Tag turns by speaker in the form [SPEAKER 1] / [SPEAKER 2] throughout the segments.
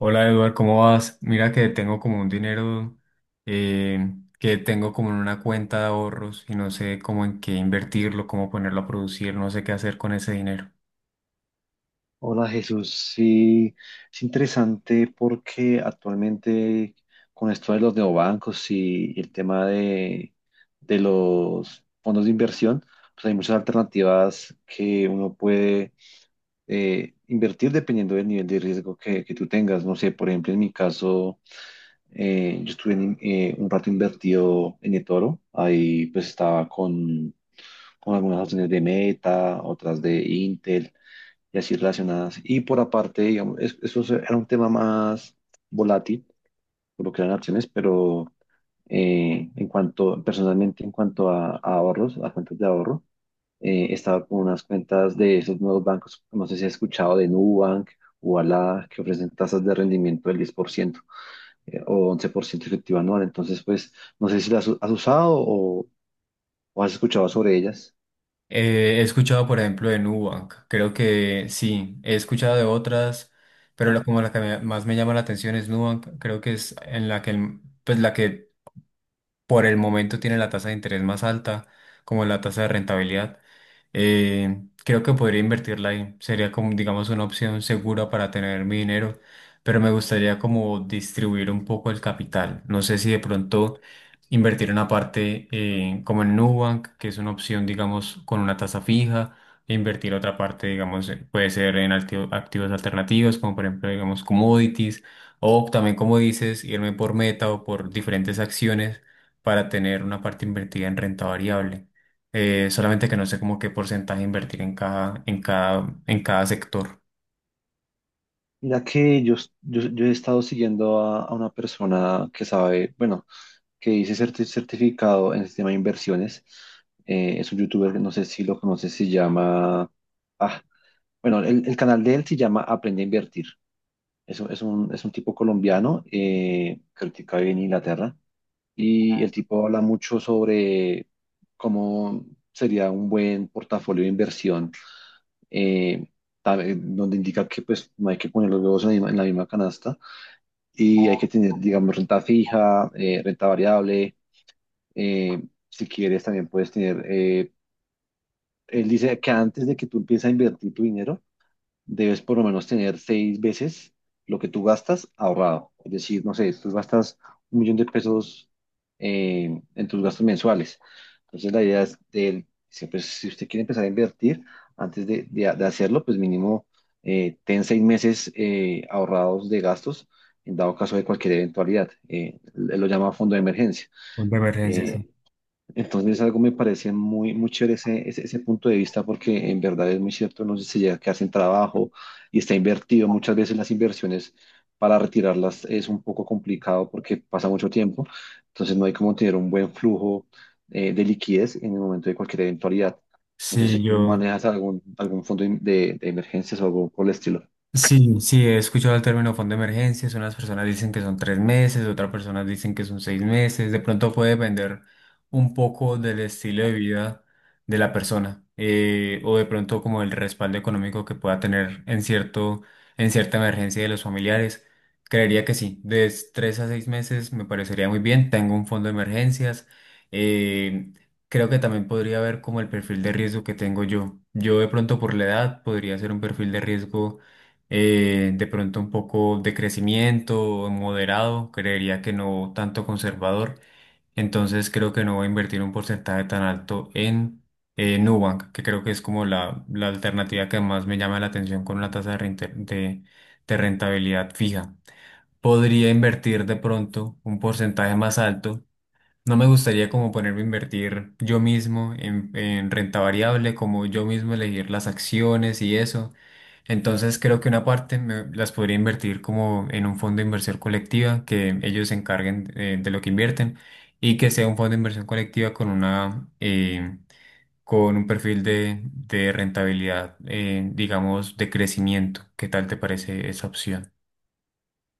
[SPEAKER 1] Hola Eduard, ¿cómo vas? Mira que tengo como un dinero que tengo como en una cuenta de ahorros y no sé cómo en qué invertirlo, cómo ponerlo a producir, no sé qué hacer con ese dinero.
[SPEAKER 2] Hola Jesús, sí, es interesante porque actualmente con esto de los neobancos y el tema de los fondos de inversión, pues hay muchas alternativas que uno puede invertir dependiendo del nivel de riesgo que tú tengas. No sé, por ejemplo, en mi caso, yo estuve un rato invertido en eToro, ahí pues estaba con algunas acciones de Meta, otras de Intel y así relacionadas. Y por aparte, digamos, era un tema más volátil, por lo que eran acciones, pero en cuanto, personalmente, en cuanto a ahorros, a cuentas de ahorro, estaba con unas cuentas de esos nuevos bancos, no sé si has escuchado de Nubank o Alá, que ofrecen tasas de rendimiento del 10% o 11% efectivo anual. Entonces, pues, no sé si las has usado, o has escuchado sobre ellas.
[SPEAKER 1] He escuchado, por ejemplo, de Nubank, creo que sí, he escuchado de otras, pero como la que más me llama la atención es Nubank, creo que es en la que, pues la que por el momento tiene la tasa de interés más alta, como la tasa de rentabilidad. Creo que podría invertirla ahí. Sería como, digamos, una opción segura para tener mi dinero, pero me gustaría como distribuir un poco el capital. No sé si de pronto invertir una parte como en Nubank, que es una opción, digamos, con una tasa fija. E invertir otra parte, digamos, puede ser en activos alternativos, como por ejemplo, digamos, commodities, o también, como dices, irme por meta o por diferentes acciones para tener una parte invertida en renta variable. Solamente que no sé como qué porcentaje invertir en cada sector.
[SPEAKER 2] Mira que yo he estado siguiendo a una persona que sabe, bueno, que dice certificado en el sistema de inversiones. Es un youtuber, no sé si lo conoces, se llama... Ah, bueno, el canal de él se llama Aprende a Invertir. Es un tipo colombiano, creo que ahorita vive en Inglaterra, y el tipo habla mucho sobre cómo sería un buen portafolio de inversión, eh, donde indica que pues no hay que poner los huevos en la misma canasta y hay que tener, digamos, renta fija, renta variable eh, si quieres, también puedes tener. Él dice que antes de que tú empieces a invertir tu dinero, debes por lo menos tener 6 veces lo que tú gastas ahorrado. Es decir, no sé, tú gastas 1 millón de pesos en tus gastos mensuales. Entonces, la idea es de él, dice, pues, si usted quiere empezar a invertir, antes de hacerlo, pues mínimo ten 6 meses ahorrados de gastos en dado caso de cualquier eventualidad. Él lo llama fondo de emergencia.
[SPEAKER 1] Fondo de emergencia. Sí.
[SPEAKER 2] Eh, entonces, algo me parece muy, muy chévere ese, ese punto de vista, porque en verdad es muy cierto, no sé si llega a quedar sin trabajo y está invertido. Muchas veces las inversiones para retirarlas es un poco complicado porque pasa mucho tiempo. Entonces, no hay como tener un buen flujo de liquidez en el momento de cualquier eventualidad. No sé si
[SPEAKER 1] Sí,
[SPEAKER 2] tú
[SPEAKER 1] yo.
[SPEAKER 2] manejas algún fondo de emergencias o algo por el estilo.
[SPEAKER 1] Sí, sí, he escuchado el término fondo de emergencias. Unas personas dicen que son 3 meses, otras personas dicen que son 6 meses. De pronto puede depender un poco del estilo de vida de la persona, o de pronto como el respaldo económico que pueda tener en cierta emergencia de los familiares. Creería que sí, de 3 a 6 meses me parecería muy bien. Tengo un fondo de emergencias. Eh, Creo que también podría ver como el perfil de riesgo que tengo yo. Yo de pronto por la edad podría ser un perfil de riesgo, de pronto un poco de crecimiento moderado, creería que no tanto conservador, entonces creo que no voy a invertir un porcentaje tan alto en, Nubank, que creo que es como la alternativa que más me llama la atención con una tasa de rentabilidad fija. Podría invertir de pronto un porcentaje más alto. No me gustaría como ponerme a invertir yo mismo en renta variable, como yo mismo elegir las acciones y eso. Entonces creo que una parte las podría invertir como en un fondo de inversión colectiva, que ellos se encarguen, de lo que invierten y que sea un fondo de inversión colectiva con una con un perfil de rentabilidad, digamos, de crecimiento. ¿Qué tal te parece esa opción?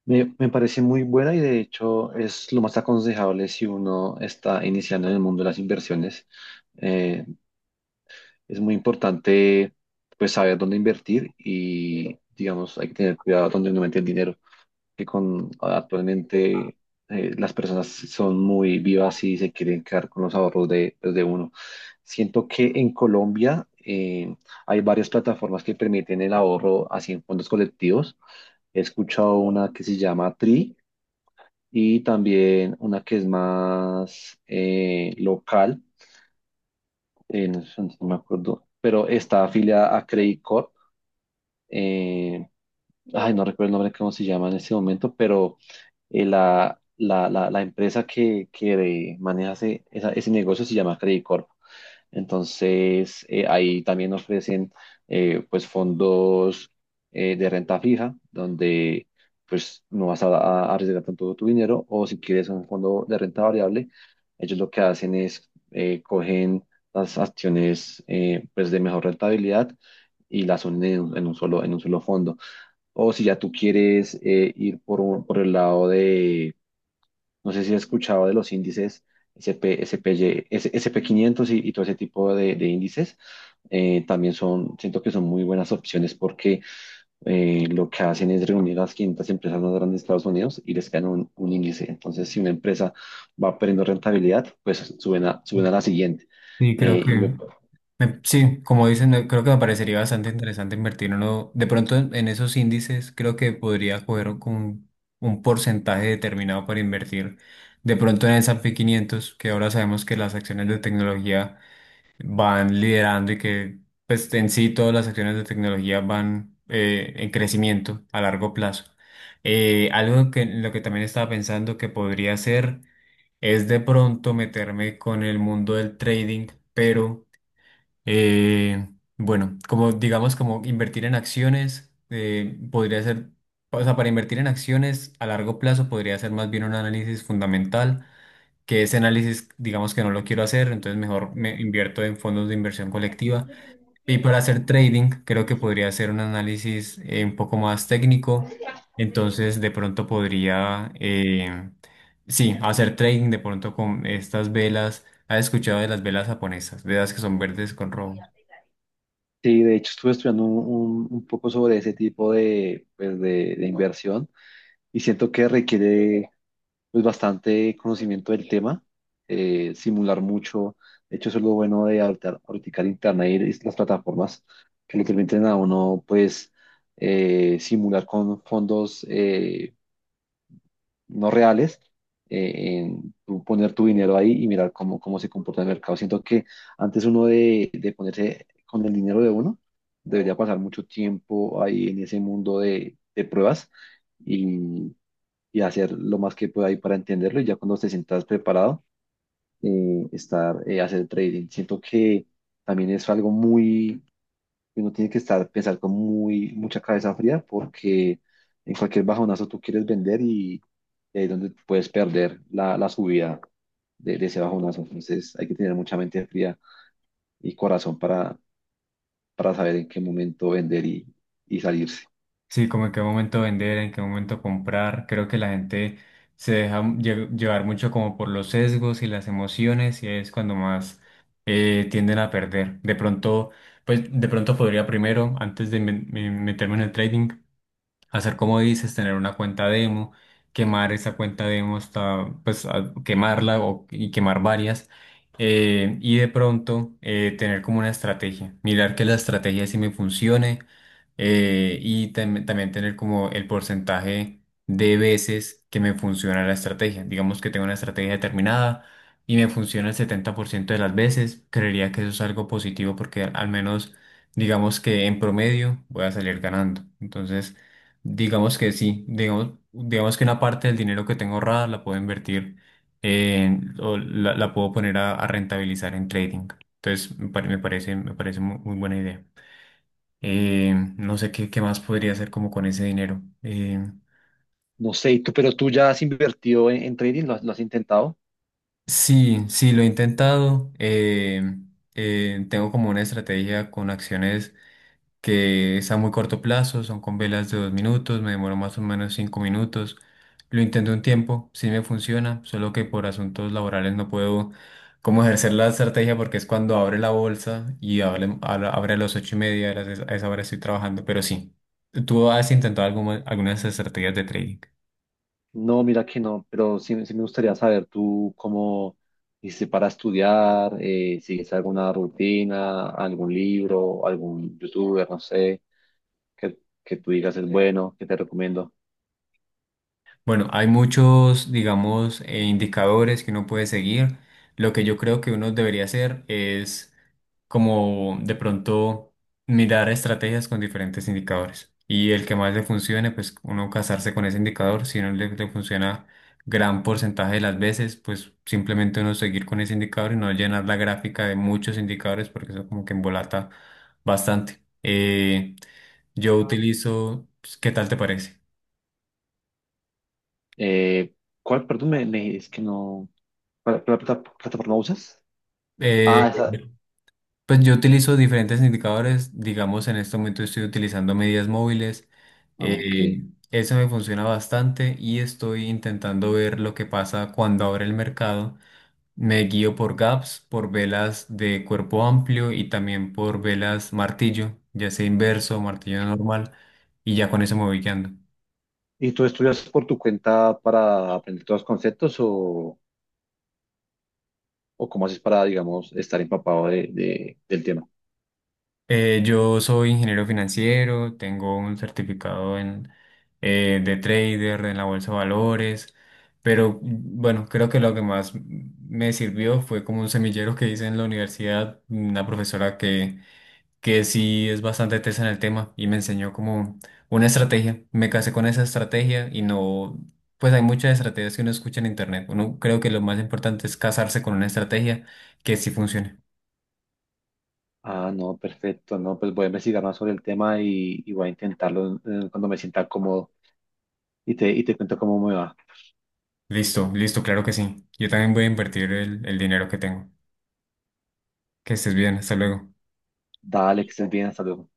[SPEAKER 2] Me parece muy buena y de hecho es lo más aconsejable si uno está iniciando en el mundo de las inversiones. Eh, es muy importante pues saber dónde invertir y digamos hay que tener cuidado dónde uno mete el dinero, que con actualmente las personas son muy vivas y se quieren quedar con los ahorros de, pues, de uno. Siento que en Colombia hay varias plataformas que permiten el ahorro así en fondos colectivos. He escuchado una que se llama Tri y también una que es más local, no sé, no me acuerdo, pero está afiliada a Credit Corp eh, ay, no recuerdo el nombre, cómo se llama en este momento, pero la empresa que maneja ese negocio se llama Credicorp. Entonces, ahí también ofrecen pues fondos de renta fija, donde pues no vas a arriesgar tanto tu dinero, o si quieres un fondo de renta variable, ellos lo que hacen es cogen las acciones pues de mejor rentabilidad y las unen en un solo, en un solo fondo. O si ya tú quieres ir por el lado de, no sé si has escuchado de los índices S P S- P Y, S SP500 y todo ese tipo de índices, siento que son muy buenas opciones porque lo que hacen es reunir las 500 empresas más grandes de Estados Unidos y les crean un índice. Entonces, si una empresa va perdiendo rentabilidad, pues suben suben a la siguiente.
[SPEAKER 1] Sí, creo
[SPEAKER 2] Eh, y me-
[SPEAKER 1] que. Sí, como dicen, creo que me parecería bastante interesante invertir uno. De pronto en esos índices creo que podría coger como un porcentaje determinado para invertir. De pronto en el S&P 500, que ahora sabemos que las acciones de tecnología van liderando y que, pues, en sí todas las acciones de tecnología van, en crecimiento a largo plazo. Algo que lo que también estaba pensando que podría hacer es de pronto meterme con el mundo del trading, pero, eh, bueno, como digamos, como invertir en acciones, podría ser, o sea, para invertir en acciones a largo plazo podría ser más bien un análisis fundamental, que ese análisis, digamos que no lo quiero hacer, entonces mejor me invierto en fondos de inversión colectiva. Y para hacer trading, creo que podría ser un análisis, un poco más técnico, entonces de pronto podría, sí, hacer trading de pronto con estas velas. ¿Has escuchado de las velas japonesas? Velas que son verdes con rojo.
[SPEAKER 2] sí, de hecho estuve estudiando un poco sobre ese tipo de, pues, de inversión y siento que requiere pues bastante conocimiento del tema, simular mucho. De hecho, eso es lo bueno ahorita el internet y las plataformas que le permiten a uno pues simular con fondos no reales, en tú poner tu dinero ahí y mirar cómo se comporta el mercado. Siento que antes uno de ponerse con el dinero de uno, debería pasar mucho tiempo ahí en ese mundo de pruebas. Y y hacer lo más que pueda ahí para entenderlo y ya cuando te sientas preparado, hacer trading. Siento que también es algo uno tiene que pensar con mucha cabeza fría porque en cualquier bajonazo tú quieres vender, y ahí es donde puedes perder la subida de ese bajonazo. Entonces hay que tener mucha mente fría y corazón para saber en qué momento vender, y salirse.
[SPEAKER 1] Sí, como en qué momento vender, en qué momento comprar. Creo que la gente se deja llevar mucho como por los sesgos y las emociones y es cuando más, tienden a perder. De pronto, pues de pronto podría primero, antes de meterme en el trading, hacer como dices, tener una cuenta demo, quemar esa cuenta demo hasta, pues, quemarla o, y quemar varias. Y de pronto, tener como una estrategia, mirar que la estrategia sí me funcione, y también tener como el porcentaje de veces que me funciona la estrategia. Digamos que tengo una estrategia determinada y me funciona el 70% de las veces, creería que eso es algo positivo porque al menos digamos que en promedio voy a salir ganando. Entonces, digamos que sí, digamos que una parte del dinero que tengo ahorrada la puedo invertir o la puedo poner a rentabilizar en trading. Entonces, me parece muy buena idea. No sé qué más podría hacer como con ese dinero.
[SPEAKER 2] No sé, ¿y tú, pero tú ya has invertido en trading? ¿Lo has intentado?
[SPEAKER 1] Sí, sí, lo he intentado. Tengo como una estrategia con acciones que es a muy corto plazo, son con velas de 2 minutos, me demoro más o menos 5 minutos. Lo intenté un tiempo, sí me funciona, solo que por asuntos laborales no puedo como ejercer la estrategia porque es cuando abre la bolsa y abre a las 8:30, a esa hora estoy trabajando, pero sí. ¿Tú has intentado algunas estrategias de trading?
[SPEAKER 2] No, mira que no, pero sí, sí me gustaría saber tú cómo hiciste para estudiar, sigues alguna rutina, algún libro, algún youtuber, no sé, que, que tú digas es bueno, que te recomiendo.
[SPEAKER 1] Bueno, hay muchos, digamos, indicadores que uno puede seguir. Lo que yo creo que uno debería hacer es como de pronto mirar estrategias con diferentes indicadores. Y el que más le funcione, pues uno casarse con ese indicador. Si no le funciona gran porcentaje de las veces, pues simplemente uno seguir con ese indicador y no llenar la gráfica de muchos indicadores porque eso como que embolata bastante. Yo utilizo, pues, ¿qué tal te parece?
[SPEAKER 2] Eh, ¿Cuál, perdón, es que no, plataforma usas?
[SPEAKER 1] Eh,
[SPEAKER 2] Ah, esa,
[SPEAKER 1] Pues yo utilizo diferentes indicadores, digamos en este momento estoy utilizando medidas móviles,
[SPEAKER 2] ah, ok.
[SPEAKER 1] eh, eso me funciona bastante y estoy intentando ver lo que pasa cuando abre el mercado. Me guío por gaps, por velas de cuerpo amplio y también por velas martillo, ya sea inverso o martillo normal, y ya con eso me voy guiando.
[SPEAKER 2] ¿Y tú estudias por tu cuenta para aprender todos los conceptos o cómo haces para, digamos, estar empapado del tema?
[SPEAKER 1] Yo soy ingeniero financiero, tengo un certificado de trader en la bolsa de valores, pero bueno, creo que lo que más me sirvió fue como un semillero que hice en la universidad, una profesora que sí es bastante tesa en el tema y me enseñó como una estrategia. Me casé con esa estrategia y no, pues hay muchas estrategias que uno escucha en internet. Uno creo que lo más importante es casarse con una estrategia que sí funcione.
[SPEAKER 2] Ah, no, perfecto, no, pues voy a investigar más sobre el tema y voy a intentarlo cuando me sienta cómodo y te cuento cómo me va.
[SPEAKER 1] Listo, listo, claro que sí. Yo también voy a invertir el dinero que tengo. Que estés bien, hasta luego.
[SPEAKER 2] Dale, que estés bien, hasta luego.